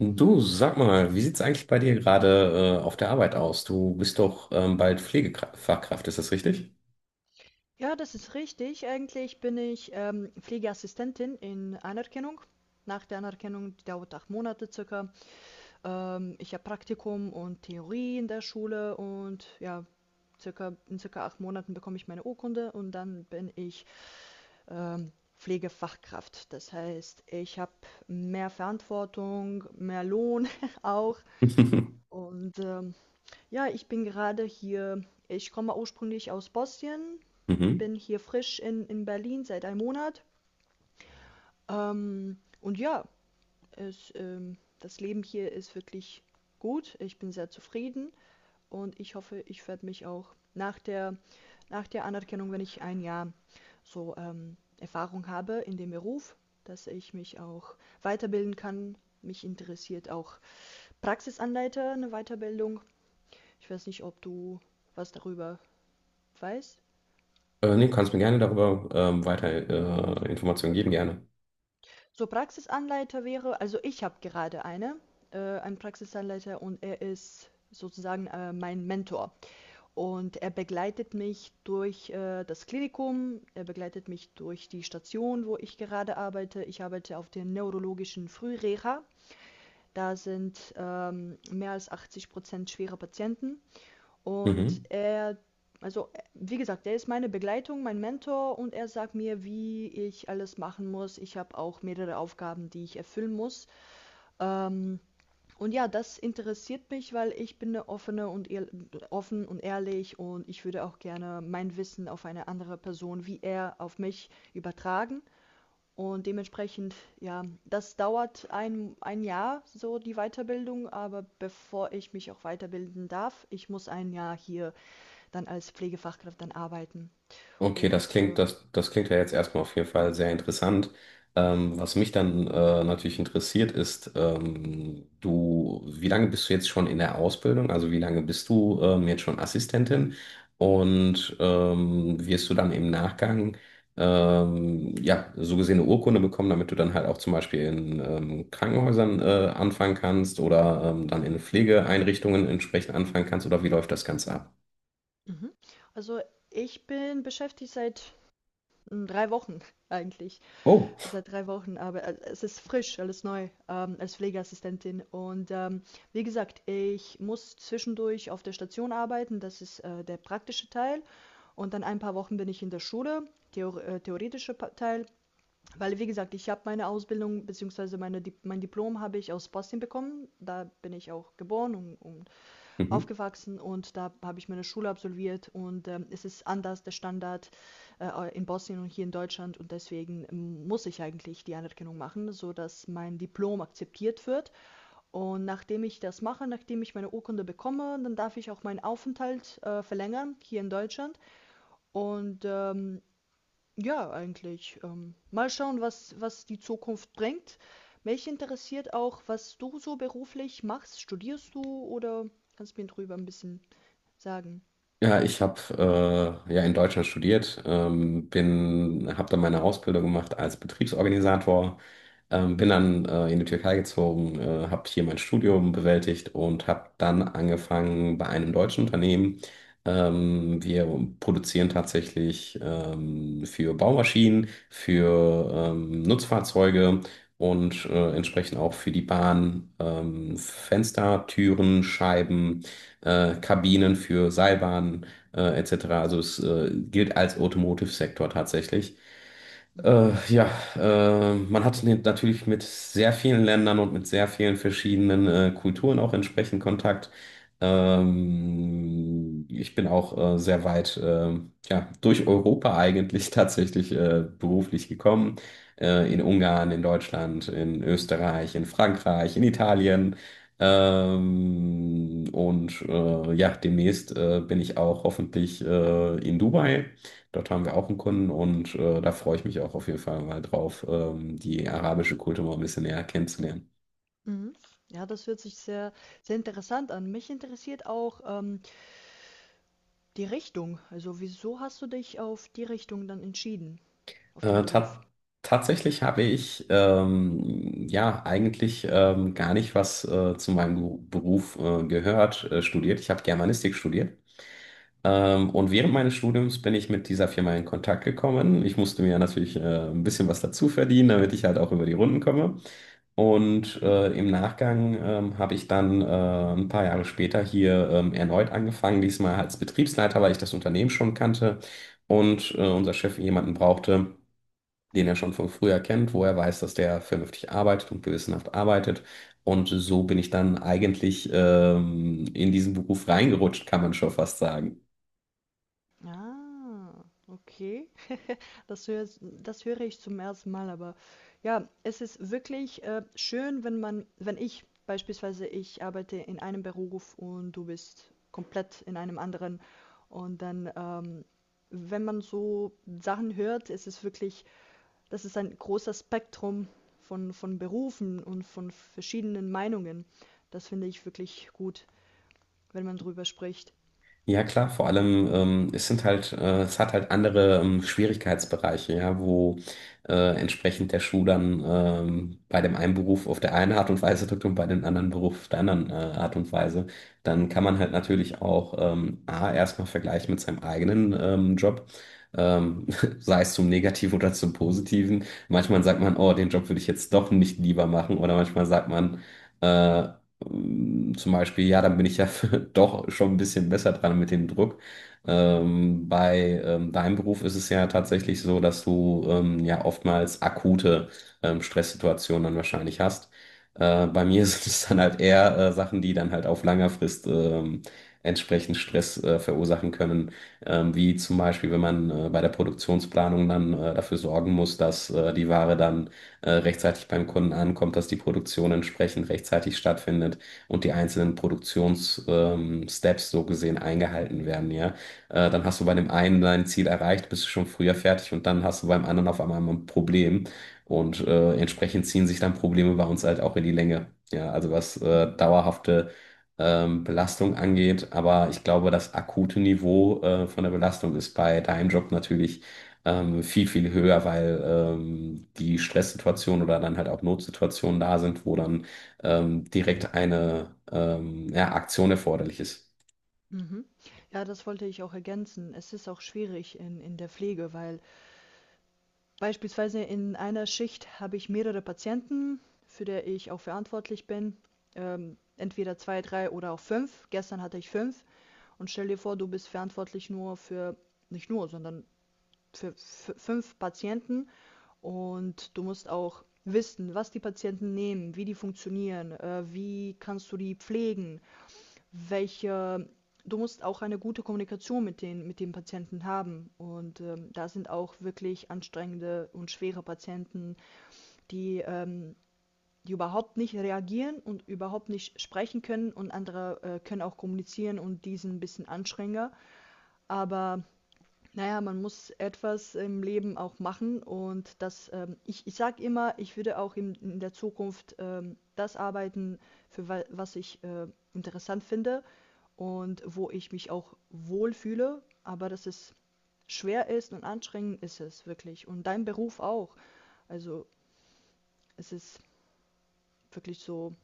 Du, sag mal, wie sieht's eigentlich bei dir gerade auf der Arbeit aus? Du bist doch bald Pflegefachkraft, ist das richtig? Ja, das ist richtig. Eigentlich bin ich, Pflegeassistentin in Anerkennung. Nach der Anerkennung, die dauert 8 Monate circa. Ich habe Praktikum und Theorie in der Schule und ja, in circa 8 Monaten bekomme ich meine Urkunde und dann bin ich, ähm, Pflegefachkraft. Das heißt, ich habe mehr Verantwortung, mehr Lohn auch. Und ja, ich bin gerade hier, ich komme ursprünglich aus Bosnien, Mhm. bin hier frisch in Berlin seit einem Monat. Und ja, das Leben hier ist wirklich gut. Ich bin sehr zufrieden und ich hoffe, ich werde mich auch nach nach der Anerkennung, wenn ich ein Jahr so Erfahrung habe in dem Beruf, dass ich mich auch weiterbilden kann. Mich interessiert auch Praxisanleiter, eine Weiterbildung. Ich weiß nicht, ob du was darüber weißt. Nee, kannst mir gerne darüber weiter Informationen geben, gerne. So, Praxisanleiter wäre, also ich habe gerade einen Praxisanleiter und er ist sozusagen, mein Mentor. Und er begleitet mich durch das Klinikum, er begleitet mich durch die Station, wo ich gerade arbeite. Ich arbeite auf der neurologischen Frühreha. Da sind, mehr als 80 schwere Patienten und Mhm. er, also, wie gesagt, er ist meine Begleitung, mein Mentor und er sagt mir, wie ich alles machen muss. Ich habe auch mehrere Aufgaben, die ich erfüllen muss. Ähm, und ja, das interessiert mich, weil ich bin eine offene und offen und ehrlich und ich würde auch gerne mein Wissen auf eine andere Person, wie er auf mich, übertragen. Und dementsprechend, ja, das dauert ein Jahr, so die Weiterbildung, aber bevor ich mich auch weiterbilden darf, ich muss ein Jahr hier dann als Pflegefachkraft dann arbeiten. Okay, das Und klingt, das klingt ja jetzt erstmal auf jeden Fall sehr interessant. Was mich dann natürlich interessiert ist, du, wie lange bist du jetzt schon in der Ausbildung? Also wie lange bist du jetzt schon Assistentin? Und wirst du dann im Nachgang ja, so gesehen eine Urkunde bekommen, damit du dann halt auch zum Beispiel in Krankenhäusern anfangen kannst oder dann in Pflegeeinrichtungen entsprechend anfangen kannst? Oder wie läuft das Ganze ab? mhm, also ich bin beschäftigt seit drei Wochen eigentlich. Oh. Seit drei Wochen, aber es ist frisch, alles neu als Pflegeassistentin. Und wie gesagt, ich muss zwischendurch auf der Station arbeiten, das ist der praktische Teil. Und dann ein paar Wochen bin ich in der Schule, theoretischer Teil, weil, wie gesagt, ich habe meine Ausbildung bzw. meine, mein Diplom habe ich aus Bosnien bekommen. Da bin ich auch geboren und Mhm. aufgewachsen und da habe ich meine Schule absolviert und es ist anders der Standard in Bosnien und hier in Deutschland und deswegen muss ich eigentlich die Anerkennung machen, sodass mein Diplom akzeptiert wird und nachdem ich das mache, nachdem ich meine Urkunde bekomme, dann darf ich auch meinen Aufenthalt verlängern hier in Deutschland und ja, eigentlich mal schauen, was die Zukunft bringt. Mich interessiert auch, was du so beruflich machst. Studierst du oder kannst du mir drüber ein bisschen sagen. Ja, ich habe ja in Deutschland studiert, habe dann meine Ausbildung gemacht als Betriebsorganisator, bin dann in die Türkei gezogen, habe hier mein Studium bewältigt und habe dann angefangen bei einem deutschen Unternehmen. Wir produzieren tatsächlich für Baumaschinen, für Nutzfahrzeuge und entsprechend auch für die Bahn Fenster, Türen, Scheiben Kabinen für Seilbahnen etc. Also es gilt als Automotive-Sektor tatsächlich. Mhm, Äh, ja, Man hat natürlich mit sehr vielen Ländern und mit sehr vielen verschiedenen Kulturen auch entsprechend Kontakt. Ich bin auch sehr weit ja, durch Europa eigentlich tatsächlich beruflich gekommen. In Ungarn, in Deutschland, in Österreich, in Frankreich, in Italien. Ja, demnächst bin ich auch hoffentlich in Dubai. Dort haben wir auch einen Kunden und da freue ich mich auch auf jeden Fall mal drauf, die arabische Kultur mal ein bisschen näher kennenzulernen. mhm. Ja, das hört sich sehr interessant an. Mich interessiert auch, die Richtung. Also, wieso hast du dich auf die Richtung dann entschieden, auf den Beruf? Ta tatsächlich habe ich ja eigentlich gar nicht was zu meinem Beruf gehört, studiert. Ich habe Germanistik studiert. Und während Mhm, meines Studiums bin ich mit dieser Firma in Kontakt gekommen. Ich musste mir natürlich ein bisschen was dazu verdienen, damit ich halt auch über die Runden komme. Und mhm. Im Nachgang habe ich dann ein paar Jahre später hier erneut angefangen, diesmal als Betriebsleiter, weil ich das Unternehmen schon kannte und unser Chef jemanden brauchte, den er schon von früher kennt, wo er weiß, dass der vernünftig arbeitet und gewissenhaft arbeitet. Und so bin ich dann eigentlich in diesen Beruf reingerutscht, kann man schon fast sagen. Ah, okay. Das höre, das höre ich zum ersten Mal, aber ja, es ist wirklich schön, wenn man, wenn ich beispielsweise, ich arbeite in einem Beruf und du bist komplett in einem anderen. Und dann, wenn man so Sachen hört, ist es wirklich, das ist ein großes Spektrum von Berufen und von verschiedenen Meinungen. Das finde ich wirklich gut, wenn man drüber spricht. Ja, klar, vor allem, es sind halt, es hat halt andere Schwierigkeitsbereiche, ja, wo entsprechend der Schuh dann bei dem einen Beruf auf der einen Art und Weise drückt und bei dem anderen Beruf auf der anderen Art und Weise. Dann kann man halt natürlich auch A, erstmal vergleichen mit seinem eigenen Job, ähm, sei es zum Negativen oder zum Positiven. Manchmal sagt man, oh, den Job würde ich jetzt doch nicht lieber machen, oder manchmal sagt man, äh, zum Beispiel, ja, dann bin ich ja doch schon ein bisschen besser dran mit dem Druck. Bei deinem Beruf ist es ja tatsächlich so, dass du ja oftmals akute Stresssituationen dann wahrscheinlich hast. Bei mir sind es dann halt eher Sachen, die dann halt auf langer Frist entsprechend Stress verursachen können. Wie zum Beispiel, wenn man bei der Produktionsplanung dann dafür sorgen muss, dass die Ware dann rechtzeitig beim Kunden ankommt, dass die Produktion entsprechend rechtzeitig stattfindet und die einzelnen Produktionssteps Steps so gesehen eingehalten werden, ja. Dann hast du bei dem einen dein Ziel erreicht, bist du schon früher fertig und dann hast du beim anderen auf einmal ein Problem und entsprechend ziehen sich dann Probleme bei uns halt auch in die Länge, ja. Also was Mhm. dauerhafte Belastung angeht, aber ich glaube, das akute Niveau von der Belastung ist bei deinem Job natürlich viel, viel höher, weil die Stresssituationen oder dann halt auch Notsituationen da sind, wo dann direkt eine ja, Aktion erforderlich ist. Mhm. Ja, das wollte ich auch ergänzen. Es ist auch schwierig in der Pflege, weil beispielsweise in einer Schicht habe ich mehrere Patienten, für die ich auch verantwortlich bin. Entweder zwei, drei oder auch fünf. Gestern hatte ich fünf. Und stell dir vor, du bist verantwortlich nicht nur, sondern für fünf Patienten und du musst auch wissen, was die Patienten nehmen, wie die funktionieren, wie kannst du die pflegen, welche. Du musst auch eine gute Kommunikation mit den Patienten haben. Und da sind auch wirklich anstrengende und schwere Patienten, die, ähm, die überhaupt nicht reagieren und überhaupt nicht sprechen können. Und andere können auch kommunizieren und die sind ein bisschen anstrengender. Aber naja, man muss etwas im Leben auch machen und das, ich, ich sage immer, ich würde auch in der Zukunft das arbeiten, für wa was ich interessant finde und wo ich mich auch wohlfühle, aber dass es schwer ist und anstrengend ist es wirklich und dein Beruf auch. Also es ist wirklich so,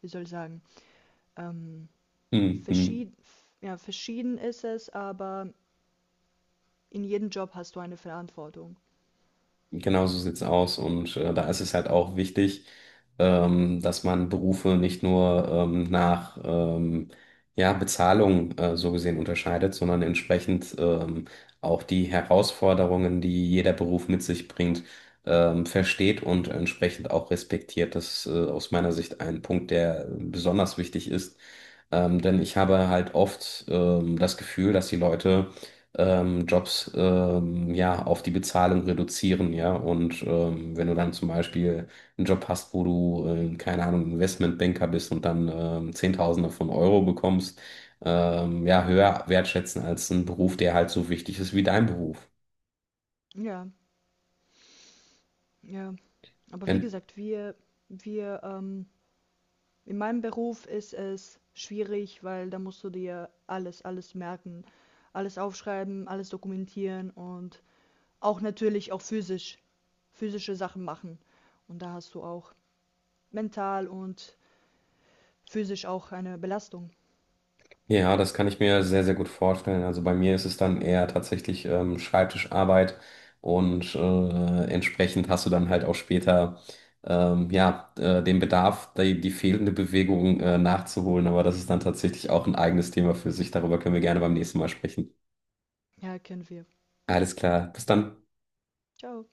wie soll ich sagen, ähm, Mhm. verschieden, ja, verschieden ist es, aber in jedem Job hast du eine Verantwortung. Genau so sieht's aus. Und da ist es halt auch wichtig, dass man Berufe nicht nur nach ja, Bezahlung so gesehen unterscheidet, sondern entsprechend auch die Herausforderungen, die jeder Beruf mit sich bringt, versteht und entsprechend auch respektiert. Das ist aus meiner Sicht ein Punkt, der besonders wichtig ist. Denn ich habe halt oft das Gefühl, dass die Leute Jobs ja auf die Bezahlung reduzieren, ja. Und wenn du dann zum Beispiel einen Job hast, wo du, keine Ahnung, Investmentbanker bist und dann Zehntausende von Euro bekommst, ja, höher wertschätzen als einen Beruf, der halt so wichtig ist wie dein Beruf. Ja, ja. Aber wie gesagt, wir, in meinem Beruf ist es schwierig, weil da musst du dir alles merken, alles aufschreiben, alles dokumentieren und auch natürlich auch physische Sachen machen. Und da hast du auch mental und physisch auch eine Belastung. Ja, das kann ich mir sehr, sehr gut vorstellen. Also bei mir ist es dann eher tatsächlich Schreibtischarbeit und entsprechend hast du dann halt auch später ja, den Bedarf, die fehlende Bewegung nachzuholen. Aber das ist dann tatsächlich auch ein eigenes Thema für sich. Darüber können wir gerne beim nächsten Mal sprechen. Ja, kennen wir. Alles klar, bis dann. Ciao.